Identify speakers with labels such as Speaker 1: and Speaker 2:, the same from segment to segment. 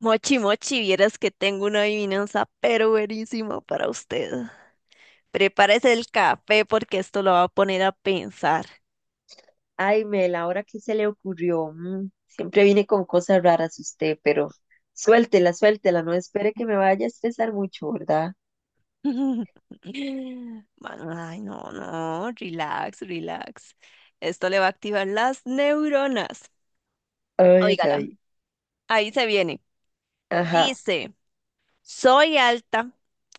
Speaker 1: Mochi, mochi, vieras que tengo una adivinanza pero buenísima para usted. Prepárese el café porque esto lo va a poner a pensar.
Speaker 2: Ay, Mel, ahora qué se le ocurrió. Siempre viene con cosas raras usted, pero suéltela, no espere que me vaya a estresar mucho, ¿verdad?
Speaker 1: Mano, ay, no, no, relax, relax. Esto le va a activar las neuronas.
Speaker 2: Ay, ay,
Speaker 1: Óigala,
Speaker 2: ay.
Speaker 1: ahí se viene.
Speaker 2: Ajá.
Speaker 1: Dice, soy alta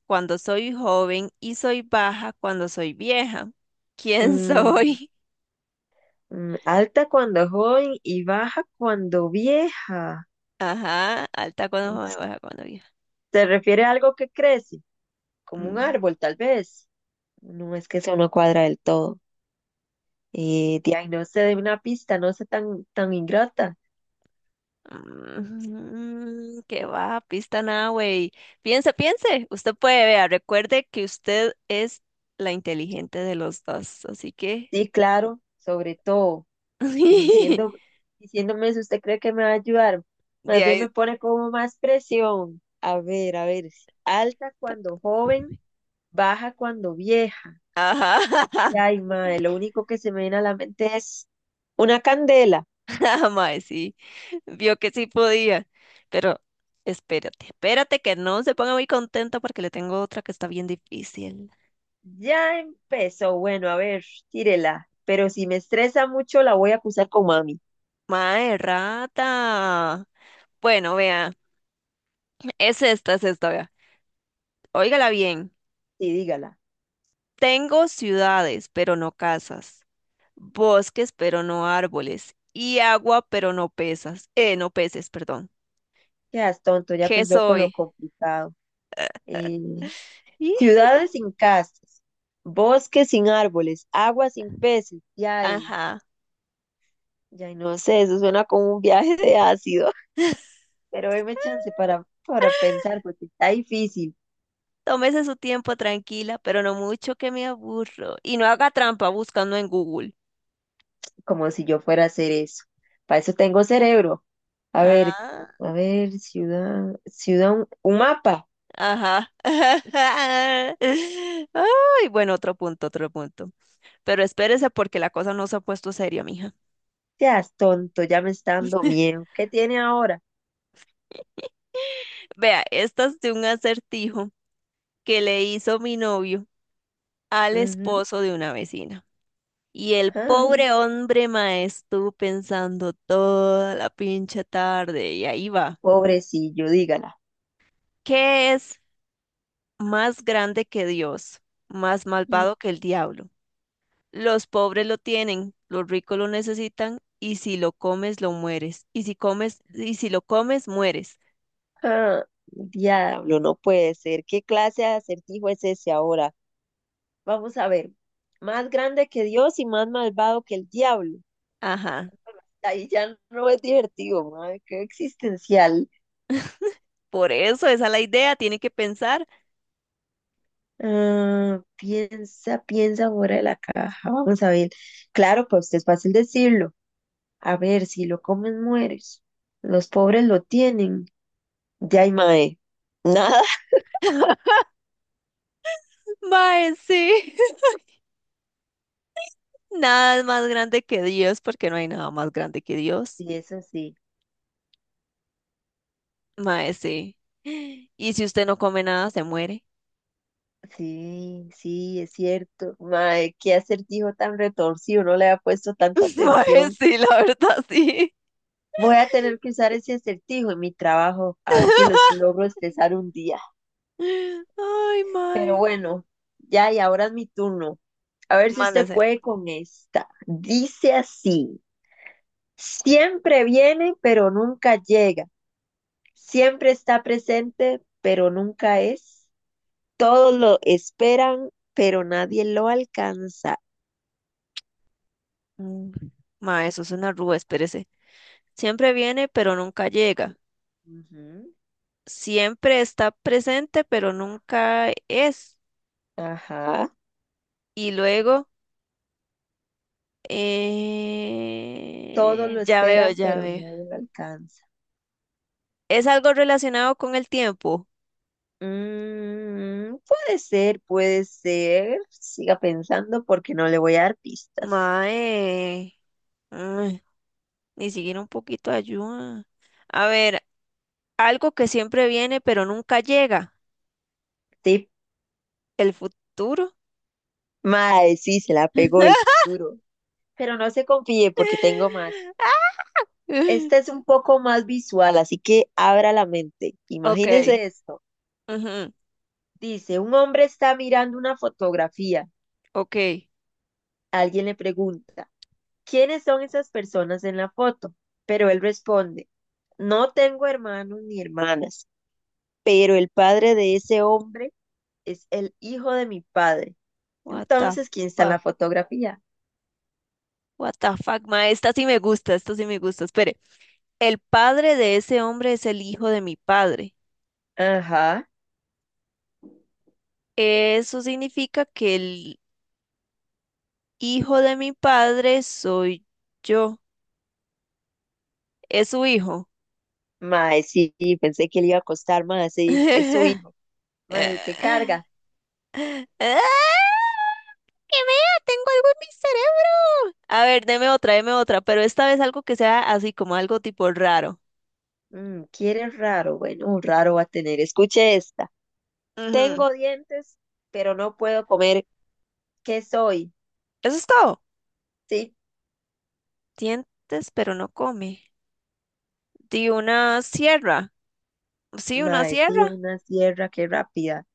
Speaker 1: cuando soy joven y soy baja cuando soy vieja. ¿Quién
Speaker 2: Mm,
Speaker 1: soy?
Speaker 2: Alta cuando joven y baja cuando vieja.
Speaker 1: Ajá, alta cuando joven, baja cuando vieja.
Speaker 2: ¿Se refiere a algo que crece? Como un
Speaker 1: Mm.
Speaker 2: árbol, tal vez. No, es que eso no cuadra del todo. De ahí no se dé una pista, no sea tan ingrata.
Speaker 1: Mm, qué va, pista nada, güey. Piense, piense. Usted puede, vea, recuerde que usted es la inteligente de los dos, así que
Speaker 2: Sí, claro, sobre todo.
Speaker 1: de
Speaker 2: diciendo, Diciéndome si usted cree que me va a ayudar. Más bien
Speaker 1: ahí.
Speaker 2: me pone como más presión. A ver, a ver. Alta
Speaker 1: Tac.
Speaker 2: cuando joven, baja cuando vieja.
Speaker 1: Ajá,
Speaker 2: Y, ay, madre, lo único que se me viene a la mente es una candela.
Speaker 1: mae, sí. Vio que sí podía, pero espérate, espérate que no se ponga muy contenta porque le tengo otra que está bien difícil.
Speaker 2: Ya empezó. Bueno, a ver, tírela. Pero si me estresa mucho, la voy a acusar con mami.
Speaker 1: Mae, rata. Bueno, vea, es esta, vea. Óigala bien.
Speaker 2: Sí, dígala.
Speaker 1: Tengo ciudades, pero no casas, bosques, pero no árboles, y agua, pero no pesas, no peces, perdón.
Speaker 2: Quedas tonto, ya
Speaker 1: ¿Qué
Speaker 2: pensó con lo
Speaker 1: soy?
Speaker 2: complicado. Eh,
Speaker 1: Ih,
Speaker 2: Ciudades sin casas, bosques sin árboles, agua sin peces. Ya.
Speaker 1: ajá.
Speaker 2: Ya no sé, eso suena como un viaje de ácido, pero deme chance para pensar, porque está difícil.
Speaker 1: Tómese su tiempo tranquila, pero no mucho que me aburro. Y no haga trampa buscando en Google.
Speaker 2: Como si yo fuera a hacer eso. Para eso tengo cerebro. A ver,
Speaker 1: Ah,
Speaker 2: a ver, ciudad, un mapa.
Speaker 1: ajá. Ay, bueno, otro punto, otro punto. Pero espérese porque la cosa no se ha puesto seria, mija.
Speaker 2: Seas tonto, ya me está dando miedo. ¿Qué tiene ahora?
Speaker 1: Vea, esta es de un acertijo que le hizo mi novio al
Speaker 2: Ujú,
Speaker 1: esposo de una vecina. Y el
Speaker 2: ah,
Speaker 1: pobre hombre, mae, estuvo pensando toda la pinche tarde y ahí va.
Speaker 2: pobrecillo, dígala.
Speaker 1: ¿Qué es más grande que Dios, más malvado que el diablo? Los pobres lo tienen, los ricos lo necesitan y si lo comes lo mueres. Y si comes y si lo comes mueres.
Speaker 2: Ah, diablo, no puede ser. ¿Qué clase de acertijo es ese ahora? Vamos a ver. Más grande que Dios y más malvado que el diablo.
Speaker 1: Ajá.
Speaker 2: Ahí ya no es divertido, madre, qué existencial.
Speaker 1: Por eso, esa es la idea, tiene que pensar.
Speaker 2: Ah, piensa, piensa fuera de la caja. Vamos a ver. Claro, pues es fácil decirlo. A ver, si lo comes, mueres. Los pobres lo tienen. Ya hay mae. Nada.
Speaker 1: Mae, sí. Nada es más grande que Dios porque no hay nada más grande que Dios.
Speaker 2: Y eso sí.
Speaker 1: Mae, sí. Y si usted no come nada, se muere.
Speaker 2: Sí, sí, es cierto. Mae, qué acertijo tan retorcido. No le ha puesto tanta
Speaker 1: Mae,
Speaker 2: atención.
Speaker 1: sí, la verdad, sí.
Speaker 2: Voy a tener que usar ese acertijo en mi trabajo. A ver si los logro expresar un día.
Speaker 1: Ay,
Speaker 2: Pero
Speaker 1: mae.
Speaker 2: bueno, ya y ahora es mi turno. A ver si usted
Speaker 1: Mándese.
Speaker 2: puede con esta. Dice así, siempre viene, pero nunca llega. Siempre está presente, pero nunca es. Todos lo esperan, pero nadie lo alcanza.
Speaker 1: Mm. Mae, eso es una rúa, espérese. Siempre viene, pero nunca llega.
Speaker 2: Ujú,
Speaker 1: Siempre está presente, pero nunca es.
Speaker 2: ajá.
Speaker 1: Y luego,
Speaker 2: Todos lo
Speaker 1: ya veo,
Speaker 2: esperan,
Speaker 1: ya
Speaker 2: pero
Speaker 1: veo.
Speaker 2: nadie lo alcanza.
Speaker 1: ¿Es algo relacionado con el tiempo?
Speaker 2: Puede ser, puede ser. Siga pensando porque no le voy a dar pistas.
Speaker 1: Mae, mm. Ni siquiera un poquito de ayuda. A ver, algo que siempre viene pero nunca llega.
Speaker 2: Estoy.
Speaker 1: El futuro.
Speaker 2: Mae, sí, se la pegó el duro. Pero no se confíe porque tengo más. Esta es un poco más visual, así que abra la mente.
Speaker 1: Ok,
Speaker 2: Imagínese esto.
Speaker 1: ujú,
Speaker 2: Dice, un hombre está mirando una fotografía.
Speaker 1: ok.
Speaker 2: Alguien le pregunta, ¿quiénes son esas personas en la foto? Pero él responde, no tengo hermanos ni hermanas, pero el padre de ese hombre es el hijo de mi padre.
Speaker 1: What the
Speaker 2: Entonces, ¿quién está en la
Speaker 1: fuck.
Speaker 2: fotografía?
Speaker 1: What the fuck, ma. Esta sí me gusta, esta sí me gusta. Espere. El padre de ese hombre es el hijo de mi padre.
Speaker 2: Ajá.
Speaker 1: Eso significa que el hijo de mi padre soy yo. Es su hijo.
Speaker 2: Mae, sí, sí, pensé que le iba a costar más, sí, es su hijo. Mae, qué carga.
Speaker 1: ¡Ah! ¡Que vea! Tengo algo en mi cerebro. A ver, deme otra, pero esta vez algo que sea así como algo tipo raro.
Speaker 2: Quiere raro, bueno, un raro va a tener. Escuche esta.
Speaker 1: Ujú.
Speaker 2: Tengo dientes, pero no puedo comer. ¿Qué soy?
Speaker 1: Eso es todo.
Speaker 2: Sí,
Speaker 1: Dientes, pero no come. Di una sierra. Sí, una
Speaker 2: mae, tío,
Speaker 1: sierra.
Speaker 2: una sierra, qué rápida.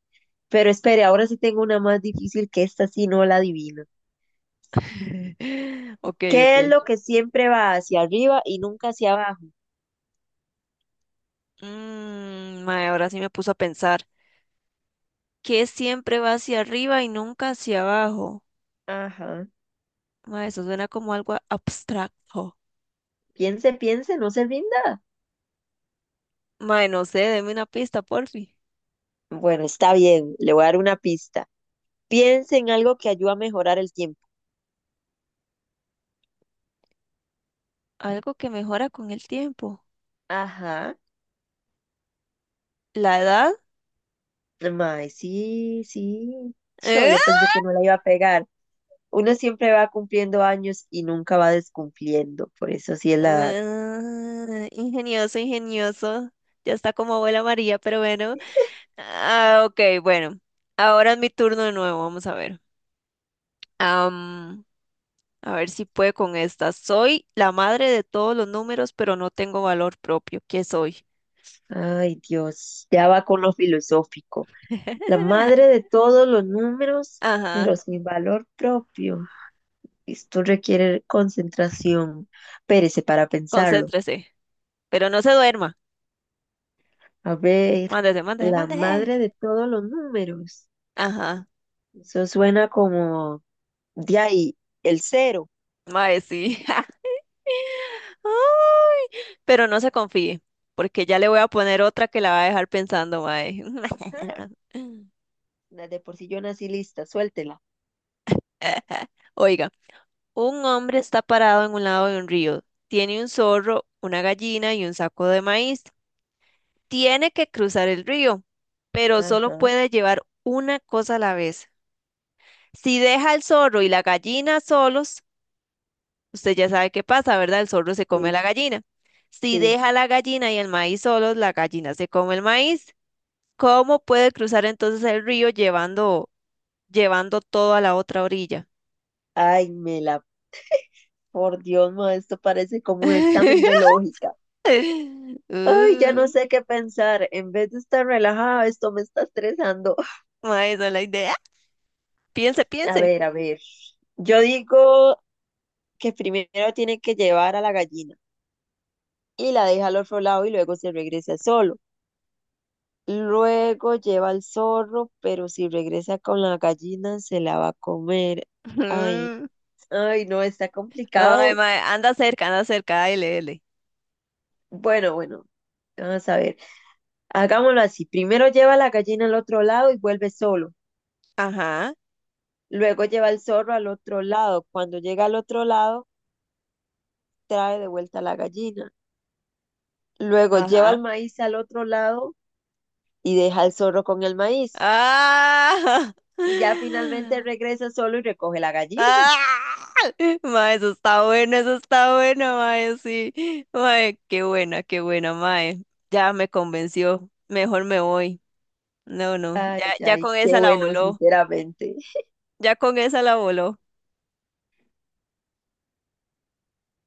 Speaker 2: Pero espere, ahora sí tengo una más difícil que esta, sí no la adivino.
Speaker 1: Ok,
Speaker 2: ¿Qué es
Speaker 1: ok.
Speaker 2: lo que siempre va hacia arriba y nunca hacia abajo?
Speaker 1: Mmm, ahora sí me puso a pensar. ¿Qué siempre va hacia arriba y nunca hacia abajo?
Speaker 2: Ajá.
Speaker 1: Mae, eso suena como algo abstracto.
Speaker 2: Piense, piense, no se rinda.
Speaker 1: Mae, no sé, deme una pista, porfi.
Speaker 2: Bueno, está bien, le voy a dar una pista. Piense en algo que ayuda a mejorar el tiempo.
Speaker 1: Algo que mejora con el tiempo.
Speaker 2: Ajá.
Speaker 1: ¿La edad?
Speaker 2: Mae, sí, sí. Cho,
Speaker 1: ¿Eh?
Speaker 2: yo pensé que no la iba a pegar. Uno siempre va cumpliendo años y nunca va descumpliendo. Por eso sí es la edad.
Speaker 1: Ah, ingenioso, ingenioso. Ya está como abuela María, pero bueno. Ah, ok, bueno. Ahora es mi turno de nuevo, vamos a ver. Am, a ver si puede con esta. Soy la madre de todos los números, pero no tengo valor propio. ¿Qué soy?
Speaker 2: Ay, Dios. Ya va con lo filosófico. La madre de todos los números, pero
Speaker 1: Ajá,
Speaker 2: sin valor propio. Esto requiere concentración. Pérese para pensarlo.
Speaker 1: concéntrese, pero no se duerma.
Speaker 2: A ver,
Speaker 1: Mándese, mándese,
Speaker 2: la
Speaker 1: mándese.
Speaker 2: madre de todos los números.
Speaker 1: Ajá,
Speaker 2: Eso suena como de ahí, el cero.
Speaker 1: mae, sí. Ay, pero no se confíe, porque ya le voy a poner otra que la va a dejar pensando, mae.
Speaker 2: Na- de por sí yo nací lista, suéltela.
Speaker 1: Oiga, un hombre está parado en un lado de un río. Tiene un zorro, una gallina y un saco de maíz. Tiene que cruzar el río, pero solo
Speaker 2: Ajá.
Speaker 1: puede llevar una cosa a la vez. Si deja el zorro y la gallina solos, usted ya sabe qué pasa, ¿verdad? El zorro se come la
Speaker 2: Sí,
Speaker 1: gallina. Si
Speaker 2: sí.
Speaker 1: deja la gallina y el maíz solos, la gallina se come el maíz. ¿Cómo puede cruzar entonces el río llevando todo a la otra orilla?
Speaker 2: Ay, Mela, por Dios, ma, esto parece como un examen de lógica. Ay, ya no
Speaker 1: Uh,
Speaker 2: sé qué pensar. En vez de estar relajada, esto me está estresando.
Speaker 1: mae, esa es la idea. Piense,
Speaker 2: A
Speaker 1: piense.
Speaker 2: ver, a ver. Yo digo que primero tiene que llevar a la gallina y la deja al otro lado y luego se regresa solo. Luego lleva al zorro, pero si regresa con la gallina se la va a comer. Ay,
Speaker 1: Ujú.
Speaker 2: ay, no, está
Speaker 1: Ay,
Speaker 2: complicado.
Speaker 1: mae, anda cerca, anda cerca. Ay, lele.
Speaker 2: Bueno, bueno. Vamos a ver, hagámoslo así. Primero lleva la gallina al otro lado y vuelve solo.
Speaker 1: Ajá,
Speaker 2: Luego lleva el zorro al otro lado. Cuando llega al otro lado, trae de vuelta la gallina. Luego lleva el
Speaker 1: ajá.
Speaker 2: maíz al otro lado y deja al zorro con el maíz.
Speaker 1: ¡Ah!
Speaker 2: Y ya finalmente regresa solo y recoge la gallina.
Speaker 1: ¡Ah! Mae, eso está bueno, mae, sí. Mae, qué buena, mae. Ya me convenció. Mejor me voy. No, no, ya,
Speaker 2: Ay,
Speaker 1: ya
Speaker 2: ay,
Speaker 1: con
Speaker 2: qué
Speaker 1: esa la
Speaker 2: bueno,
Speaker 1: voló,
Speaker 2: sinceramente.
Speaker 1: ya con esa la voló.